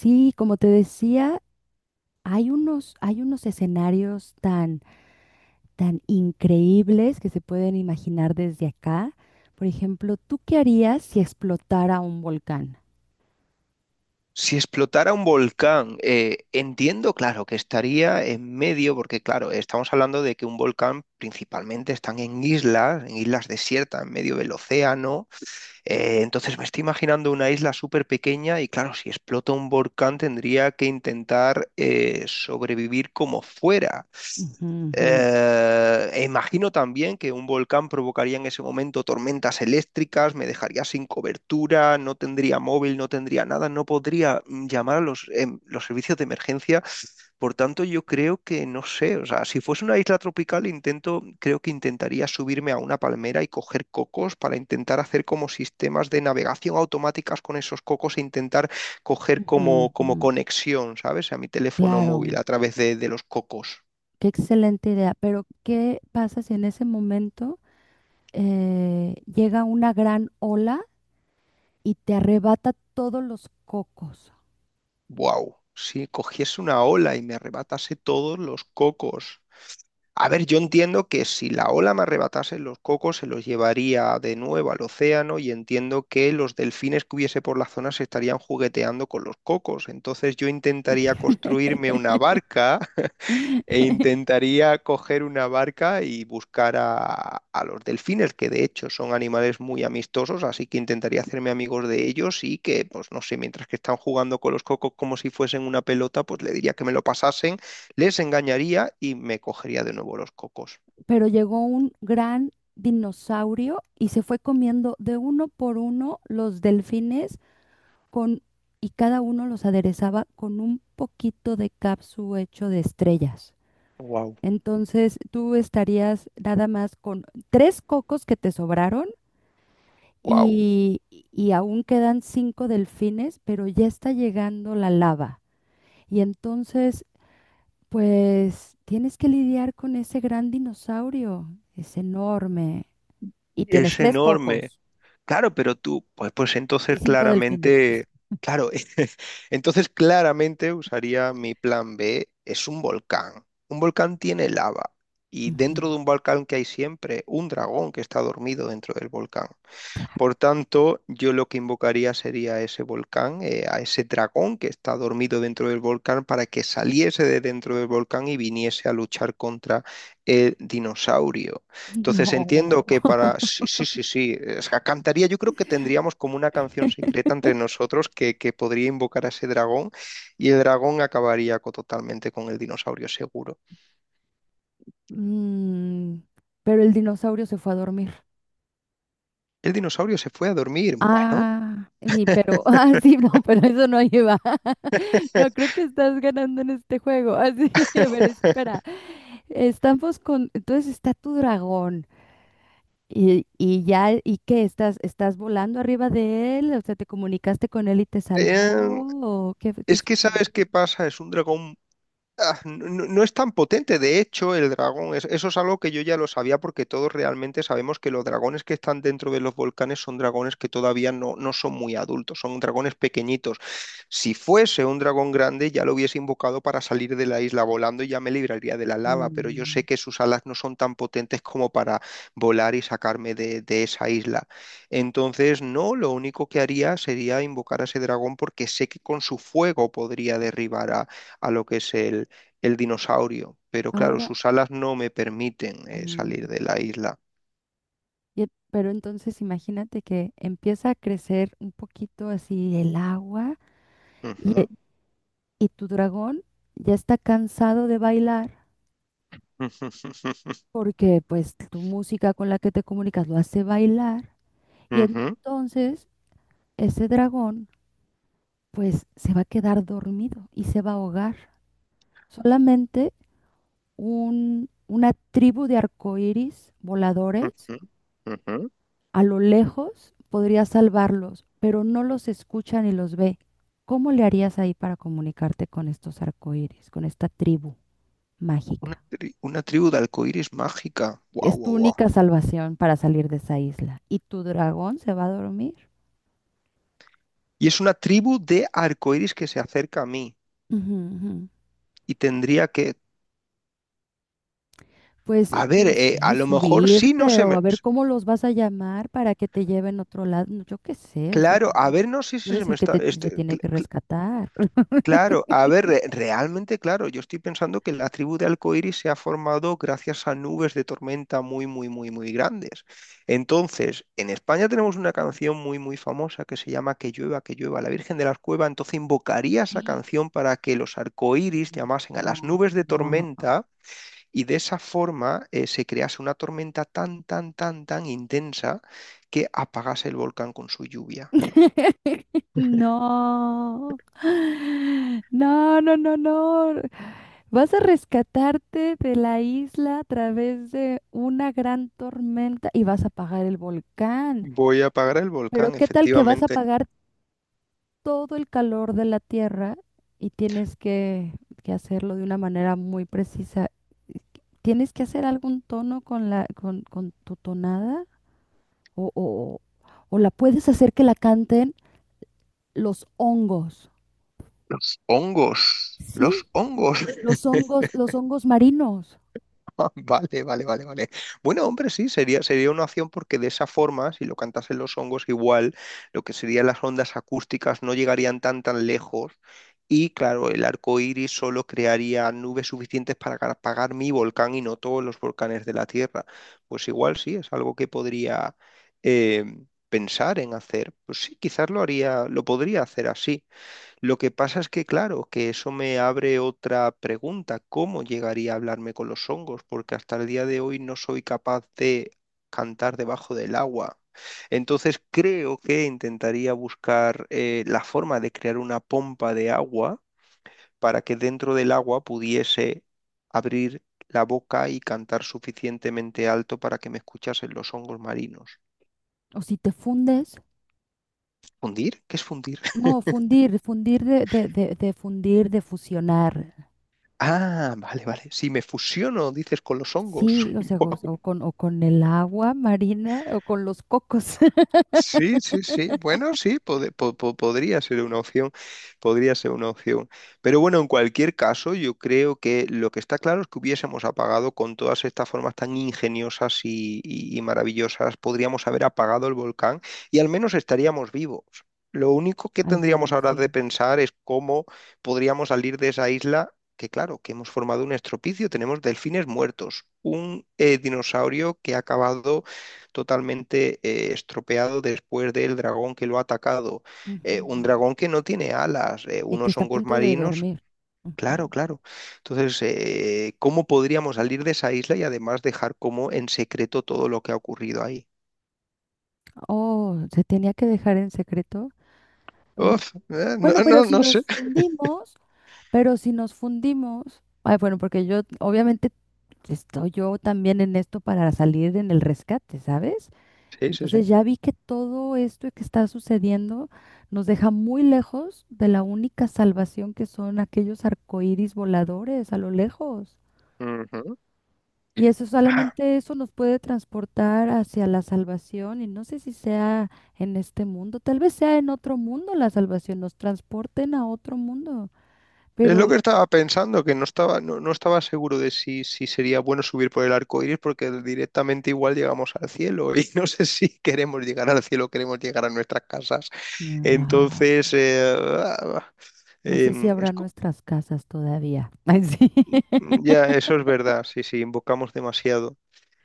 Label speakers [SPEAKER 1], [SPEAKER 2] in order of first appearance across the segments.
[SPEAKER 1] Sí, como te decía, hay unos escenarios tan increíbles que se pueden imaginar desde acá. Por ejemplo, ¿tú qué harías si explotara un volcán?
[SPEAKER 2] Si explotara un volcán, entiendo, claro, que estaría en medio, porque claro, estamos hablando de que un volcán principalmente están en islas desiertas, en medio del océano. Entonces me estoy imaginando una isla súper pequeña y claro, si explota un volcán tendría que intentar sobrevivir como fuera.
[SPEAKER 1] Ujú, ujú,
[SPEAKER 2] E imagino también que un volcán provocaría en ese momento tormentas eléctricas, me dejaría sin cobertura, no tendría móvil, no tendría nada, no podría llamar a los, los servicios de emergencia. Por tanto, yo creo que no sé, o sea, si fuese una isla tropical, intento, creo que intentaría subirme a una palmera y coger cocos para intentar hacer como sistemas de navegación automáticas con esos cocos e intentar coger
[SPEAKER 1] ujú,
[SPEAKER 2] como, como
[SPEAKER 1] ujú.
[SPEAKER 2] conexión, ¿sabes? A mi teléfono móvil
[SPEAKER 1] Claro,
[SPEAKER 2] a través de los cocos.
[SPEAKER 1] qué excelente idea. Pero, ¿qué pasa si en ese momento llega una gran ola y te arrebata todos los cocos?
[SPEAKER 2] Wow, si cogiese una ola y me arrebatase todos los cocos. A ver, yo entiendo que si la ola me arrebatase los cocos, se los llevaría de nuevo al océano y entiendo que los delfines que hubiese por la zona se estarían jugueteando con los cocos. Entonces yo intentaría construirme una barca e intentaría coger una barca y buscar a los delfines, que de hecho son animales muy amistosos, así que intentaría hacerme amigos de ellos y que, pues no sé, mientras que están jugando con los cocos como si fuesen una pelota, pues le diría que me lo pasasen, les engañaría y me cogería de nuevo los cocos.
[SPEAKER 1] Pero llegó un gran dinosaurio y se fue comiendo de uno por uno los delfines con, y cada uno los aderezaba con un poquito de capsu hecho de estrellas.
[SPEAKER 2] Wow,
[SPEAKER 1] Entonces tú estarías nada más con tres cocos que te sobraron
[SPEAKER 2] wow,
[SPEAKER 1] y aún quedan cinco delfines, pero ya está llegando la lava. Y entonces, pues, tienes que lidiar con ese gran dinosaurio. Es enorme, y tienes
[SPEAKER 2] es
[SPEAKER 1] tres
[SPEAKER 2] enorme.
[SPEAKER 1] cocos
[SPEAKER 2] Claro, pero tú, pues, pues
[SPEAKER 1] y
[SPEAKER 2] entonces
[SPEAKER 1] cinco delfines.
[SPEAKER 2] claramente, claro, entonces claramente usaría mi plan B, es un volcán. Un volcán tiene lava y
[SPEAKER 1] Ujú.
[SPEAKER 2] dentro de un volcán que hay siempre un dragón que está dormido dentro del volcán. Por tanto, yo lo que invocaría sería a ese volcán, a ese dragón que está dormido dentro del volcán, para que saliese de dentro del volcán y viniese a luchar contra el dinosaurio. Entonces
[SPEAKER 1] No.
[SPEAKER 2] entiendo que para... Sí, sí, sí, sí. O sea, cantaría, yo creo que tendríamos como una canción secreta entre nosotros que podría invocar a ese dragón y el dragón acabaría totalmente con el dinosaurio seguro.
[SPEAKER 1] Mm, pero el dinosaurio se fue a dormir.
[SPEAKER 2] El dinosaurio se fue a dormir. Bueno.
[SPEAKER 1] Ah, sí, pero ah, sí, no, pero eso no lleva. No creo que estás ganando en este juego. Así, a ver, espera. Estamos con, entonces está tu dragón y ya, ¿y qué? ¿Estás volando arriba de él? O sea, ¿te comunicaste con él y te salvó?
[SPEAKER 2] Em,
[SPEAKER 1] ¿O qué, qué
[SPEAKER 2] Es que
[SPEAKER 1] sucedió?
[SPEAKER 2] sabes qué pasa, es un dragón. Ah, no, no es tan potente, de hecho, el dragón, eso es algo que yo ya lo sabía porque todos realmente sabemos que los dragones que están dentro de los volcanes son dragones que todavía no, no son muy adultos, son dragones pequeñitos. Si fuese un dragón grande ya lo hubiese invocado para salir de la isla volando y ya me libraría de la lava, pero yo
[SPEAKER 1] Mm,
[SPEAKER 2] sé que sus alas no son tan potentes como para volar y sacarme de esa isla. Entonces, no, lo único que haría sería invocar a ese dragón porque sé que con su fuego podría derribar a lo que es el dinosaurio, pero claro,
[SPEAKER 1] Ahora.
[SPEAKER 2] sus alas no me permiten
[SPEAKER 1] Mm,
[SPEAKER 2] salir de la isla.
[SPEAKER 1] pero entonces imagínate que empieza a crecer un poquito así el agua y,
[SPEAKER 2] Ujú,
[SPEAKER 1] e- y tu dragón ya está cansado de bailar
[SPEAKER 2] ujú,
[SPEAKER 1] porque pues tu música con la que te comunicas lo hace bailar y
[SPEAKER 2] ujú,
[SPEAKER 1] entonces ese dragón pues se va a quedar dormido y se va a ahogar. Solamente una tribu de arcoíris voladores
[SPEAKER 2] ujú, ujú.
[SPEAKER 1] a lo lejos podría salvarlos, pero no los escucha ni los ve. ¿Cómo le harías ahí para comunicarte con estos arcoíris, con esta tribu
[SPEAKER 2] Una,
[SPEAKER 1] mágica?
[SPEAKER 2] una tribu de arcoíris mágica. Guau,
[SPEAKER 1] Es tu
[SPEAKER 2] guau, guau.
[SPEAKER 1] única salvación para salir de esa isla. ¿Y tu dragón se va a dormir?
[SPEAKER 2] Y es una tribu de arcoíris que se acerca a mí.
[SPEAKER 1] Ujú, ujú.
[SPEAKER 2] Y tendría que.
[SPEAKER 1] Pues
[SPEAKER 2] A ver,
[SPEAKER 1] no
[SPEAKER 2] a
[SPEAKER 1] sé,
[SPEAKER 2] lo mejor sí no
[SPEAKER 1] subirte
[SPEAKER 2] se
[SPEAKER 1] o a
[SPEAKER 2] me.
[SPEAKER 1] ver cómo los vas a llamar para que te lleven a otro lado. No, yo qué sé, o sea,
[SPEAKER 2] Claro,
[SPEAKER 1] tú
[SPEAKER 2] a ver, no sé si se
[SPEAKER 1] eres
[SPEAKER 2] me
[SPEAKER 1] el que
[SPEAKER 2] está.
[SPEAKER 1] te
[SPEAKER 2] Este,
[SPEAKER 1] tiene que rescatar.
[SPEAKER 2] claro, a ver, realmente, claro, yo estoy pensando que la tribu de Alcoiris se ha formado gracias a nubes de tormenta muy, muy, muy, muy grandes. Entonces, en España tenemos una canción muy, muy famosa que se llama que llueva, la Virgen de las Cuevas. Entonces, invocaría esa canción para que los arcoíris llamasen a las
[SPEAKER 1] No,
[SPEAKER 2] nubes de
[SPEAKER 1] no.
[SPEAKER 2] tormenta y de esa forma se crease una tormenta tan, tan, tan, tan intensa que apagase el volcán con su lluvia.
[SPEAKER 1] No, no, no, no, no. Vas a rescatarte de la isla a través de una gran tormenta y vas a apagar el volcán.
[SPEAKER 2] Voy a apagar el
[SPEAKER 1] Pero
[SPEAKER 2] volcán,
[SPEAKER 1] ¿qué tal que vas a
[SPEAKER 2] efectivamente.
[SPEAKER 1] apagar todo el calor de la Tierra y tienes que hacerlo de una manera muy precisa? ¿Tienes que hacer algún tono con con tu tonada? ¿O, o, o la puedes hacer que la canten los hongos?
[SPEAKER 2] Los hongos. Los
[SPEAKER 1] Sí,
[SPEAKER 2] hongos.
[SPEAKER 1] los hongos marinos.
[SPEAKER 2] Ah, vale, vale, vale, vale. Bueno, hombre, sí, sería, sería una opción porque de esa forma, si lo cantasen los hongos igual, lo que serían las ondas acústicas no llegarían tan tan lejos. Y claro, el arco iris solo crearía nubes suficientes para apagar mi volcán y no todos los volcanes de la Tierra. Pues igual sí, es algo que podría eh, pensar en hacer. Pues sí, quizás lo haría, lo podría hacer así. Lo que pasa es que, claro, que eso me abre otra pregunta. ¿Cómo llegaría a hablarme con los hongos? Porque hasta el día de hoy no soy capaz de cantar debajo del agua. Entonces creo que intentaría buscar la forma de crear una pompa de agua para que dentro del agua pudiese abrir la boca y cantar suficientemente alto para que me escuchasen los hongos marinos.
[SPEAKER 1] O si te fundes,
[SPEAKER 2] ¿Fundir? ¿Qué es fundir?
[SPEAKER 1] no, fundir, fundir de fundir, de fusionar.
[SPEAKER 2] Ah, vale, vale. Si me fusiono, dices, con los hongos.
[SPEAKER 1] Sí, o sea, o con el agua marina o con los cocos,
[SPEAKER 2] Sí, sí, sí. Bueno, sí, podría ser una opción, podría ser una opción. Pero bueno, en cualquier caso, yo creo que lo que está claro es que hubiésemos apagado con todas estas formas tan ingeniosas y, y maravillosas, podríamos haber apagado el volcán y al menos estaríamos vivos. Lo único que
[SPEAKER 1] al
[SPEAKER 2] tendríamos
[SPEAKER 1] menos,
[SPEAKER 2] ahora
[SPEAKER 1] sí.
[SPEAKER 2] de pensar es cómo podríamos salir de esa isla, que claro, que hemos formado un estropicio, tenemos delfines muertos, un dinosaurio que ha acabado totalmente estropeado después del dragón que lo ha atacado. Un
[SPEAKER 1] Ujú.
[SPEAKER 2] dragón que no tiene alas,
[SPEAKER 1] Y que
[SPEAKER 2] unos
[SPEAKER 1] está a
[SPEAKER 2] hongos
[SPEAKER 1] punto de
[SPEAKER 2] marinos.
[SPEAKER 1] dormir.
[SPEAKER 2] Claro,
[SPEAKER 1] Ujú.
[SPEAKER 2] claro. Entonces, ¿cómo podríamos salir de esa isla y además dejar como en secreto todo lo que ha ocurrido ahí?
[SPEAKER 1] Oh, se tenía que dejar en secreto.
[SPEAKER 2] Uf, no,
[SPEAKER 1] Bueno,
[SPEAKER 2] no, no sé.
[SPEAKER 1] pero si nos fundimos, ay, bueno, porque yo obviamente estoy yo también en esto para salir en el rescate, ¿sabes?
[SPEAKER 2] Sí, sí, sí.
[SPEAKER 1] Entonces ya vi que todo esto que está sucediendo nos deja muy lejos de la única salvación que son aquellos arcoíris voladores a lo lejos.
[SPEAKER 2] Ujú.
[SPEAKER 1] Y eso solamente eso nos puede transportar hacia la salvación y no sé si sea en este mundo, tal vez sea en otro mundo la salvación, nos transporten a otro mundo.
[SPEAKER 2] Es lo
[SPEAKER 1] Pero
[SPEAKER 2] que estaba pensando, que no estaba, no, no estaba seguro de si, si sería bueno subir por el arco iris, porque directamente igual llegamos al cielo, y no sé si queremos llegar al cielo, queremos llegar a nuestras casas.
[SPEAKER 1] ah,
[SPEAKER 2] Entonces,
[SPEAKER 1] no sé si
[SPEAKER 2] em,
[SPEAKER 1] habrá
[SPEAKER 2] es co-
[SPEAKER 1] nuestras casas todavía. Ay, sí.
[SPEAKER 2] ya, eso es verdad, sí, sí, invocamos demasiado.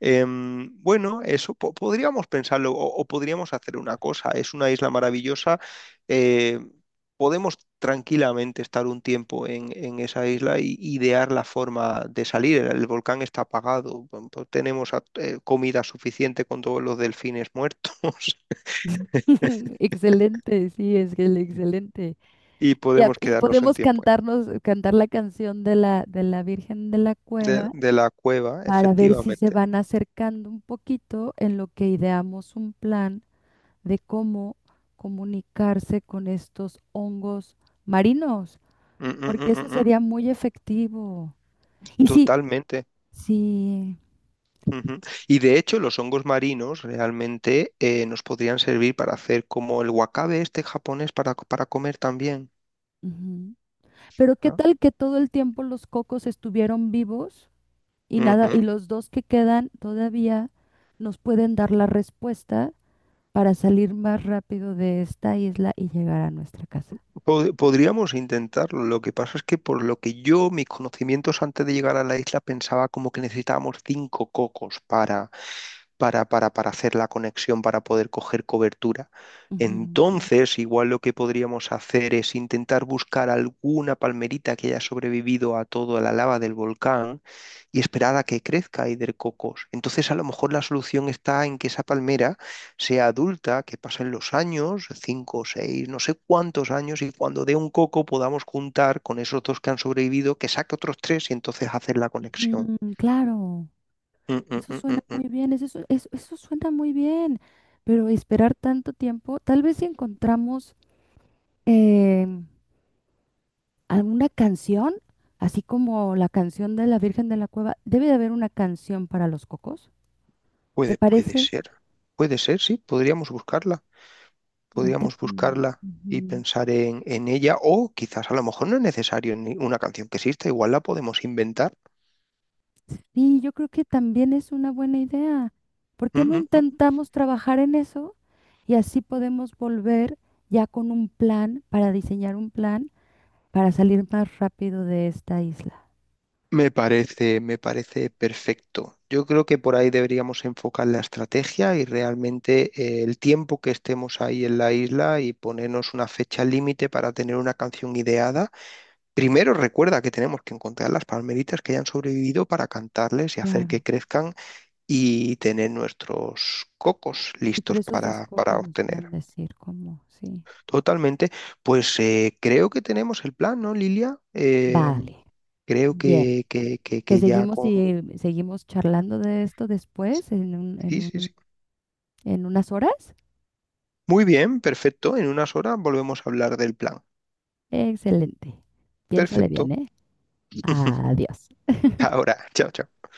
[SPEAKER 2] Bueno, eso podríamos pensarlo o podríamos hacer una cosa. Es una isla maravillosa. eh, Podemos tranquilamente estar un tiempo en esa isla y idear la forma de salir. El volcán está apagado. Bueno, pues tenemos comida suficiente con todos los delfines muertos
[SPEAKER 1] Excelente, sí, es que el excelente.
[SPEAKER 2] y
[SPEAKER 1] Y, a-
[SPEAKER 2] podemos
[SPEAKER 1] y
[SPEAKER 2] quedarnos un
[SPEAKER 1] podemos
[SPEAKER 2] tiempo
[SPEAKER 1] cantarnos, cantar la canción de de la Virgen de la Cueva
[SPEAKER 2] de la cueva,
[SPEAKER 1] para ver si se
[SPEAKER 2] efectivamente.
[SPEAKER 1] van acercando un poquito en lo que ideamos un plan de cómo comunicarse con estos hongos marinos,
[SPEAKER 2] Mm, mm,
[SPEAKER 1] porque
[SPEAKER 2] mm,
[SPEAKER 1] eso
[SPEAKER 2] mm, mm.
[SPEAKER 1] sería muy efectivo. Y sí,
[SPEAKER 2] Totalmente.
[SPEAKER 1] sí.
[SPEAKER 2] Ujú. Y de hecho, los hongos marinos realmente nos podrían servir para hacer como el wakabe este japonés para comer también.
[SPEAKER 1] Pero ¿qué
[SPEAKER 2] ¿Ah?
[SPEAKER 1] tal que todo el tiempo los cocos estuvieron vivos y nada,
[SPEAKER 2] Ujú.
[SPEAKER 1] y los dos que quedan todavía nos pueden dar la respuesta para salir más rápido de esta isla y llegar a nuestra casa?
[SPEAKER 2] Podríamos intentarlo. Lo que pasa es que por lo que yo, mis conocimientos antes de llegar a la isla, pensaba como que necesitábamos 5 cocos para para hacer la conexión, para poder coger cobertura.
[SPEAKER 1] Ujú.
[SPEAKER 2] Entonces, igual lo que podríamos hacer es intentar buscar alguna palmerita que haya sobrevivido a toda la lava del volcán y esperar a que crezca Hidrococos. Entonces, a lo mejor la solución está en que esa palmera sea adulta, que pasen los años, 5, 6, no sé cuántos años, y cuando dé un coco podamos juntar con esos dos que han sobrevivido, que saque otros tres y entonces hacer la conexión.
[SPEAKER 1] Ujú, claro,
[SPEAKER 2] Mm, mm,
[SPEAKER 1] eso
[SPEAKER 2] mm,
[SPEAKER 1] suena
[SPEAKER 2] mm,
[SPEAKER 1] muy
[SPEAKER 2] mm.
[SPEAKER 1] bien, eso suena muy bien, pero esperar tanto tiempo, tal vez si encontramos em, alguna canción, así como la canción de la Virgen de la Cueva, debe de haber una canción para los cocos, ¿te
[SPEAKER 2] Puede, puede
[SPEAKER 1] parece?
[SPEAKER 2] ser. Puede ser, sí. Podríamos buscarla.
[SPEAKER 1] Lente,
[SPEAKER 2] Podríamos
[SPEAKER 1] mm,
[SPEAKER 2] buscarla y
[SPEAKER 1] ujú.
[SPEAKER 2] pensar en ella. O quizás a lo mejor no es necesario ni una canción que exista. Igual la podemos inventar.
[SPEAKER 1] Y yo creo que también es una buena idea. ¿Por
[SPEAKER 2] Mm,
[SPEAKER 1] qué no
[SPEAKER 2] mm, mm.
[SPEAKER 1] intentamos trabajar en eso? Y así podemos volver ya con un plan para diseñar un plan para salir más rápido de esta isla.
[SPEAKER 2] Me parece perfecto. Yo creo que por ahí deberíamos enfocar la estrategia y realmente el tiempo que estemos ahí en la isla y ponernos una fecha límite para tener una canción ideada. Primero recuerda que tenemos que encontrar las palmeritas que hayan sobrevivido para cantarles y hacer que
[SPEAKER 1] Claro.
[SPEAKER 2] crezcan y tener nuestros cocos
[SPEAKER 1] Y por
[SPEAKER 2] listos
[SPEAKER 1] esos dos
[SPEAKER 2] para
[SPEAKER 1] cocos nos pueden
[SPEAKER 2] obtener.
[SPEAKER 1] decir cómo, sí.
[SPEAKER 2] Totalmente, pues creo que tenemos el plan, ¿no, Lilia?
[SPEAKER 1] Vale,
[SPEAKER 2] Creo
[SPEAKER 1] bien.
[SPEAKER 2] que, que, que,
[SPEAKER 1] Te
[SPEAKER 2] que ya
[SPEAKER 1] seguimos
[SPEAKER 2] con...
[SPEAKER 1] y seguimos charlando de esto después
[SPEAKER 2] Sí, sí, sí.
[SPEAKER 1] en unas horas.
[SPEAKER 2] Muy bien, perfecto. En unas horas volvemos a hablar del plan.
[SPEAKER 1] Excelente. Piénsale
[SPEAKER 2] Perfecto.
[SPEAKER 1] bien, ¿eh? Adiós.
[SPEAKER 2] Ahora, chao, chao.